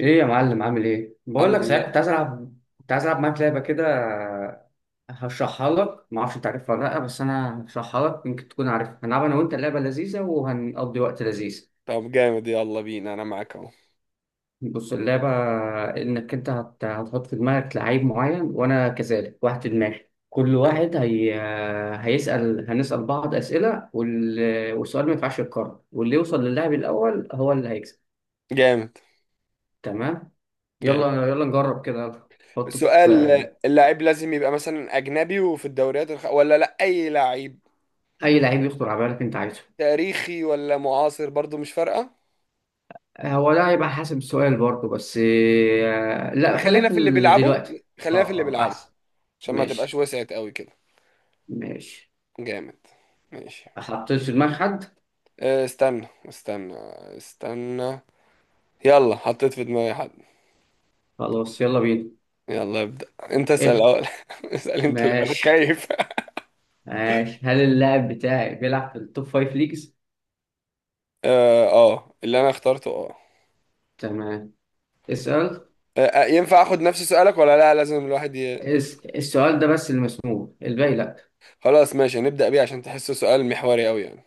ايه يا معلم، عامل ايه؟ بقول الحمد لك صحيح، لله. كنت عايز العب معاك لعبه كده. هشرحها لك، ما اعرفش انت عارفها ولا لا، بس انا هشرحها لك، يمكن تكون عارفها. هنلعب انا وانت، اللعبه لذيذه وهنقضي وقت لذيذ. طب جامد، يلا بينا، انا معاك اهو. بص اللعبه، انك انت هتحط في دماغك لعيب معين، وانا كذلك واحد في دماغي. كل حلو. واحد هنسال بعض اسئله، والسؤال ما ينفعش يتكرر، واللي يوصل للاعب الاول هو اللي هيكسب. جامد. تمام. جامد. يلا يلا نجرب كده يلا. حط سؤال. في. اللاعب لازم يبقى مثلا اجنبي وفي الدوريات ولا لا اي لاعب؟ اي لعيب يخطر على بالك انت عايزه. تاريخي ولا معاصر؟ برضو مش فارقة. هو ده هيبقى حسب السؤال برضه، بس لا، خلينا خلينا في في اللي بيلعبوا. دلوقتي. اه خلينا في اللي اه بيلعبوا احسن. عشان ما تبقاش ماشي وسعت قوي كده. ماشي. جامد. ماشي. حطيت في دماغ حد. استنى استنى. استنى. يلا حطيت في دماغي حد. خلاص يلا بينا. يلا ابدأ. انت اسأل ابدا. الاول اسأل انت الاول، أنا ماشي خايف ماشي. هل اللاعب بتاعي بيلعب في التوب فايف ليجز؟ اه اللي انا اخترته اه. تمام. اسأل. آه، أه، ينفع اخد نفس سؤالك ولا لا؟ لازم الواحد السؤال ده بس اللي مسموع، الباقي لا. خلاص ماشي، هنبدأ بيه عشان تحسه سؤال محوري قوي يعني.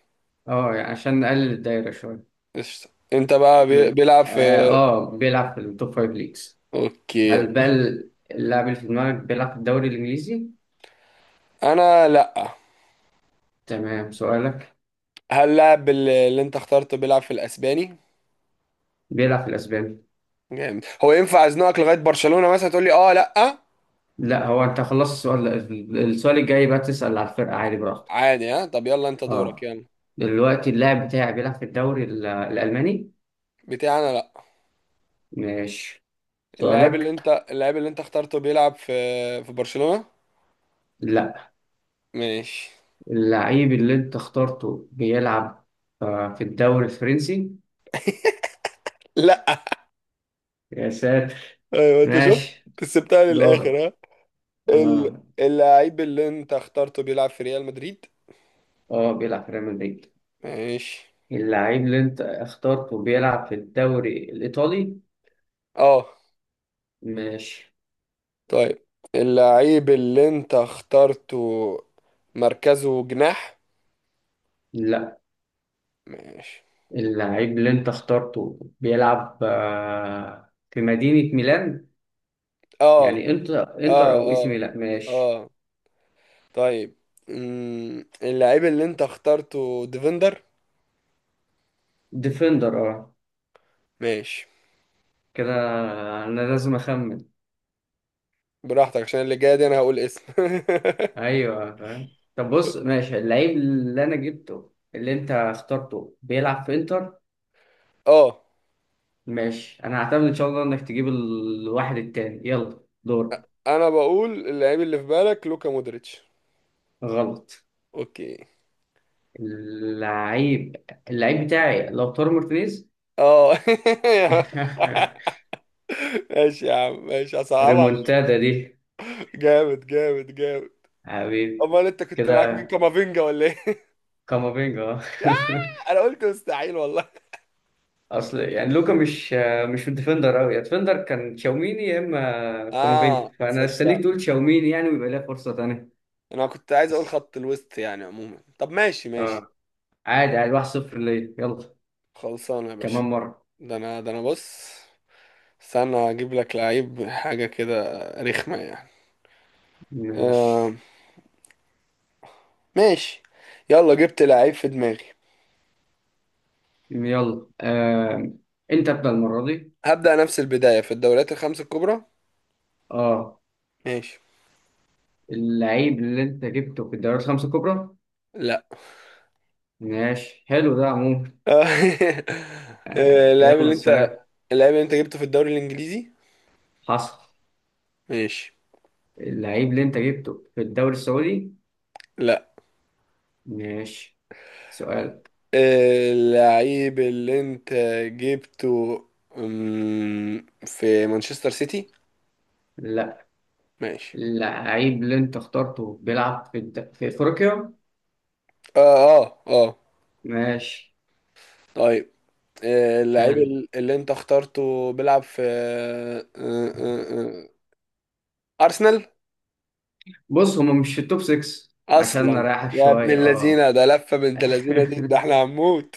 اه يعني عشان نقلل الدايرة شوية. قشطة. انت بقى م- بيلعب في اه، بيلعب في التوب فايف ليجز. اوكي يا هل بقى باشا. اللاعب اللي في دماغك بيلعب في الدوري الانجليزي؟ انا لا. تمام، سؤالك. هل لاعب اللي انت اخترته بيلعب في الاسباني؟ بيلعب في الأسباني. جامد. هو ينفع ازنقك لغاية برشلونة مثلا تقول لي اه لا؟ لا، هو أنت خلصت السؤال. السؤال الجاي بقى تسأل على الفرقة، عادي براحتك. عادي. ها طب يلا انت دورك اه. يلا. دلوقتي اللاعب بتاعي بيلعب في الدوري الألماني؟ بتاعي انا لا. ماشي، سؤالك. اللاعب اللي انت اخترته بيلعب في في برشلونة. لا. ماشي. اللعيب اللي أنت اخترته بيلعب في الدوري الفرنسي؟ لا. يا ساتر. ايوه انت شفت ماشي، كسبتها دورك. للاخر. ال... اه اللعيب اللي انت اخترته بيلعب في ريال مدريد. اه، بيلعب في ريال مدريد. ماشي. اللعيب اللي أنت اخترته بيلعب في الدوري الإيطالي؟ اه. ماشي. طيب. اللعيب اللي انت اخترته مركزه جناح. لا. ماشي. اللعيب اللي انت اخترته بيلعب في مدينة ميلان. اه يعني انتر انتر اه او اي سي اه. ميلان، ماشي. اه. طيب. اللعيب اللي انت اخترته ديفندر. ديفندر اه. ماشي. كده انا لازم اخمن. براحتك عشان اللي جاي دي انا هقول اسم ايوه فاهم. طب بص، ماشي، اللعيب اللي انا جبته اللي انت اخترته بيلعب في انتر؟ اه، ماشي. انا هعتمد ان شاء الله انك تجيب الواحد التاني. يلا دور. انا بقول اللعيب اللي في بالك لوكا مودريتش. غلط. اوكي. اللعيب اللعيب بتاعي لو تورو مارتينيز. اه ماشي يا عم، ماشي هصعبها. ريمونتادا دي، جامد جامد جامد. حبيبي. امال انت كنت معاك مين، كده. كامافينجا ولا ايه كامافينجا آه. يا، انا قلت مستحيل والله. اصل يعني لوكا، مش ديفندر قوي. يا ديفندر كان تشاوميني، يا اما كامافينجا، اه فانا استنيك تصدق، تقول تشاوميني يعني، ويبقى ليها فرصه تانيه. انا كنت عايز اقول بس خط الوسط يعني عموما. طب ماشي ماشي. اه، عادي عادي. 1-0 ليا، يلا خلصانه يا باشا. كمان مره. ده انا بص، استنى اجيب لك لعيب حاجه كده رخمه يعني. ماشي. آه. ماشي. يلا جبت لعيب في دماغي. يلا آه. انت ابدا المره دي. هبدأ نفس البدايه في الدوريات الخمس الكبرى. اه. ماشي. اللعيب اللي انت جبته في الدوريات الخمسه الكبرى؟ لا ماشي حلو ده عموما. آه، آه. اللاعب يلا اللي انت سؤال. اللاعب اللي انت جبته في الدوري الانجليزي. حصل. ماشي. اللعيب اللي انت جبته في الدوري السعودي؟ لا. ماشي. سؤال. اللعيب اللي انت جبته في مانشستر سيتي. لا. ماشي. اللعيب اللي انت اخترته بيلعب في في افريقيا؟ اه اه اه. ماشي طيب. اللعيب حلو. اللي انت اخترته بيلعب في ارسنال. بص، هما مش في التوب 6. عشان اصلا نريحك يا ابن شوية اه. اللذينه، ده لفه بنت اللذينه دي، ده احنا هنموت.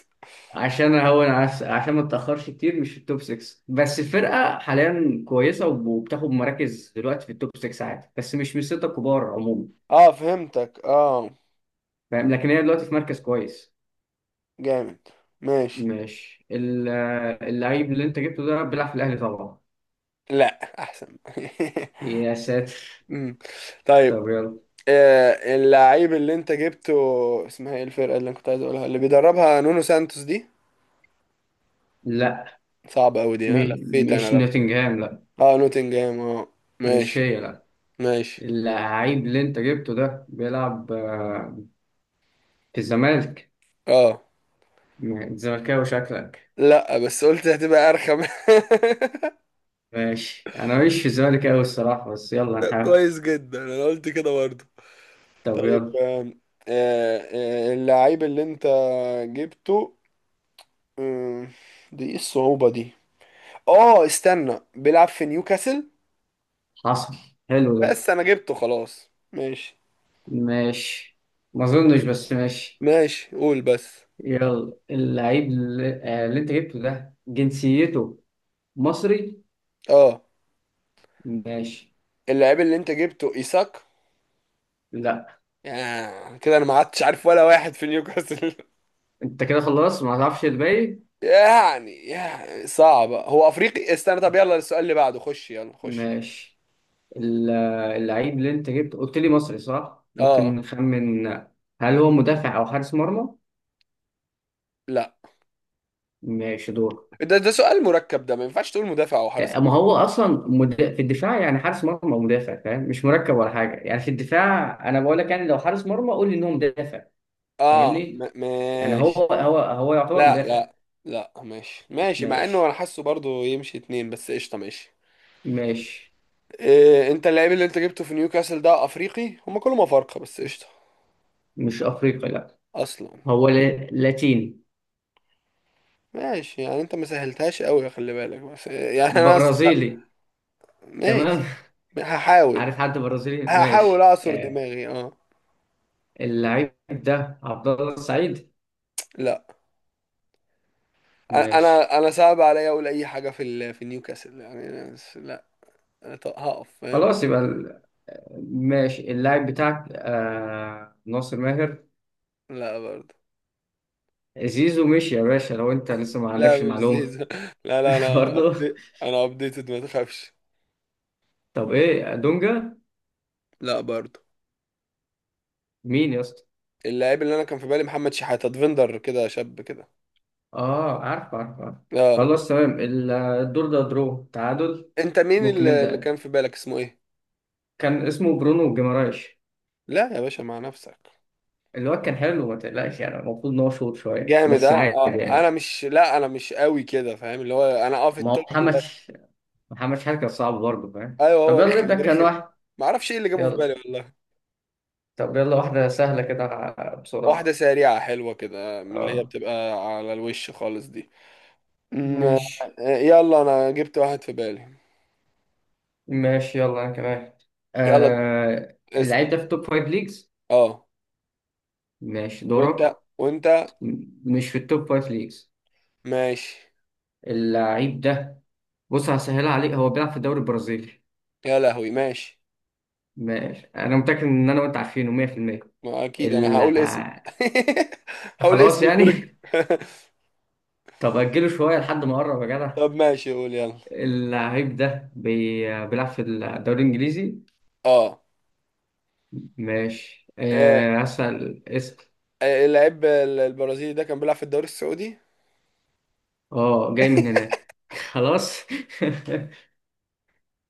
عشان اهون عشان ما اتاخرش كتير. مش في التوب 6، بس الفرقة حاليا كويسة، وبتاخد مراكز دلوقتي في التوب 6، عادي، بس مش من الستة الكبار عموما. اه فهمتك اه. فاهم، لكن هي دلوقتي في مركز كويس. جامد. ماشي. ماشي. اللعيب اللي انت جبته ده بيلعب في الاهلي طبعا؟ لا، احسن يا ساتر. مم. طيب. طب يلا. اللعيب اللي انت جبته، اسمها ايه الفرقة اللي انا كنت عايز اقولها، اللي بيدربها نونو سانتوس دي؟ لا، صعبة قوي دي، انا لفيت مش انا لف. نوتنجهام، لا. اه نوتنجهام اه. مش ماشي. هي، لا. ماشي. اللعيب اللي انت جبته ده بيلعب في الزمالك؟ اه. زملكاوي شكلك. لا بس قلت هتبقى ارخم ماشي، انا مش في الزمالك قوي الصراحه، بس يلا طب نحاول. كويس جدا، انا قلت كده برضه. طب طيب. يلا. آم، آه، آه، اللعيب اللي انت جبته آم، دي ايه الصعوبة دي؟ اه استنى، بيلعب في نيوكاسل. حصل حلو ده. بس انا جبته خلاص ماشي. ماشي، ما اظنش بس ماشي. ماشي قول بس. يلا اللعيب اللي انت جبته ده جنسيته مصري. اه. ماشي. اللاعب اللي انت جبته ايساك؟ لا. يعني كده انا ما عدتش عارف ولا واحد في نيوكاسل انت كده خلصت، ما تعرفش الباقي. يعني صعب، هو افريقي استنى. طب يلا السؤال اللي بعده خش يلا خش. ماشي ال- اللعيب اللي انت جبته قلت لي مصري صح؟ ممكن اه. نخمن. هل هو مدافع او حارس مرمى؟ لا، ماشي دور. ده سؤال مركب، ده ما ينفعش تقول مدافع او حارس مرمى. ما هو اصلا في الدفاع، يعني حارس مرمى ومدافع فاهم، مش مركب ولا حاجه. يعني في الدفاع انا بقول لك، يعني لو حارس مرمى قول لي، ان هو مدافع. اه فاهمني؟ يعني هو ماشي. هو هو يعتبر لا مدافع. لا. لا ماشي ماشي، مع انه انا ماشي حاسه برضه يمشي اتنين بس قشطه ماشي. ماشي. إيه، انت اللاعب اللي انت جبته في نيوكاسل ده افريقي، هما كلهم افارقه بس قشطه. مش افريقي، لا. اصلا. هو لاتيني. ماشي. يعني انت ما سهلتهاش قوي خلي بالك، بس يعني انا برازيلي. تمام. ماشي. هحاول. عارف حد برازيلي؟ هحاول ماشي اعصر دماغي اه. اللعيب ده عبد الله السعيد؟ لا. انا ماشي. انا أنا صعب عليا اقول اي حاجه في في نيوكاسل يعني بس لا. انا هقف فاهم. خلاص يبقى ماشي اللاعب بتاعك ناصر ماهر؟ لا برضه. زيزو مشي يا باشا، لو انت لسه ما لا عندكش مش المعلومة. زيزو لا لا، انا برضه. انا ابديتد ما تخافش. طب ايه، دونجا؟ لا برضه. مين يا اسطى؟ اللاعب اللي انا كان في بالي محمد شحاته، ديفندر كده شاب كده. اه عارف عارف عارف. اه. خلاص تمام. الدور ده درو، تعادل. انت مين ممكن اللي نبدأ. كان في بالك اسمه ايه؟ كان اسمه برونو جيمارايش. لا يا باشا، مع نفسك. الواد كان حلو ما تقلقش يعني، المفروض ان هو شوط شوية، جامد. بس اه عادي. انا مش، لا انا مش قوي كده فاهم، اللي هو انا اه في ما التوب هو بس. محمد شحات كان صعب برضه فاهم. ايوه طب هو يلا نبدأ رخم كان رخم. واحد. ما اعرفش ايه اللي جابه في يلا. بالي والله. طب يلا واحدة سهلة كده، بسرعة. واحده سريعه حلوه كده من اللي هي اه. بتبقى على الوش خالص دي. أم، آه، ماشي. يلا انا جبت واحد في بالي. ماشي يلا، انا كمان. يلا. اسال. اللعيب ده في التوب فايف ليجز؟ اه. ماشي دورك. وانت. م- مش في التوب فايف ليجز. ماشي. اللعيب ده، بص هسهلها عليك، هو بيلعب في الدوري البرازيلي. يا لهوي ماشي. ماشي، انا متأكد ان انا وانت عارفينه 100%. ما اكيد انا ال- هقول اسم هقول خلاص اسم يعني. الدرج طب اجله شوية لحد ما اقرب يا جدع. طب ماشي قول يلا. اللعيب ده بيلعب في الدوري الانجليزي؟ اه. ماشي آه، اسأل اسأل. اللعيب البرازيلي ده كان بيلعب في الدوري السعودي؟ اه، جاي من هناك. خلاص.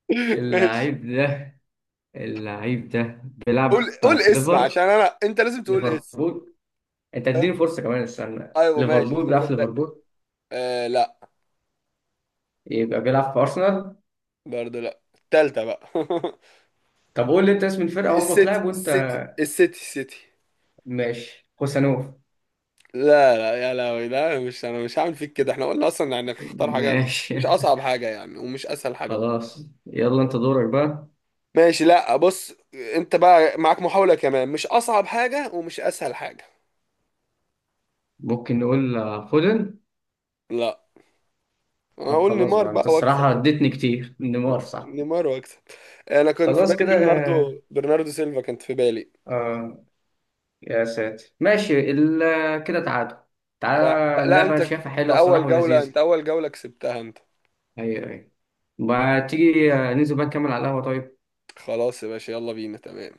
ماشي. اللعيب ده اللعيب ده قول بيلعب قول في اسم عشان ليفر، انا، انت لازم تقول اسم. ليفربول. انت أه؟ اديني فرصة كمان، استنى. ايوه ماشي ليفربول بيلعب في خد ده. ليفربول؟ آه لا. يبقى بيلعب في أرسنال. برضه لا، التالتة بقى طب قول لي انت اسم الفرقة وهو السيتي بتلعب وانت. السيتي السيتي السيتي. ماشي، خوسانوف. لا لا يا لهوي، لا مش انا مش هعمل فيك كده، احنا قلنا اصلا يعني اختار حاجة مش ماشي. مش اصعب حاجة يعني ومش اسهل حاجة برضه. خلاص يلا انت دورك بقى. ماشي. لا بص، انت بقى معاك محاولة كمان، مش اصعب حاجة ومش اسهل حاجة. ممكن نقول فودن؟ لا انا طب هقول خلاص نيمار بقى، انت بقى واكسب. الصراحة اديتني كتير، نيمار صح؟ نيمار واكسب. انا كنت في خلاص بالي كده. برناردو سيلفا كانت في بالي. اه. يا ساتر، ماشي كده تعادل. لا, تعالى، لا، اللعبة انت شايفها انت حلوة الصراحة اول جولة، ولذيذة. انت اول جولة كسبتها انت. ايوه ايوه. ما تيجي ننزل بقى نكمل على القهوة طيب. خلاص يا باشا، يلا بينا تمام.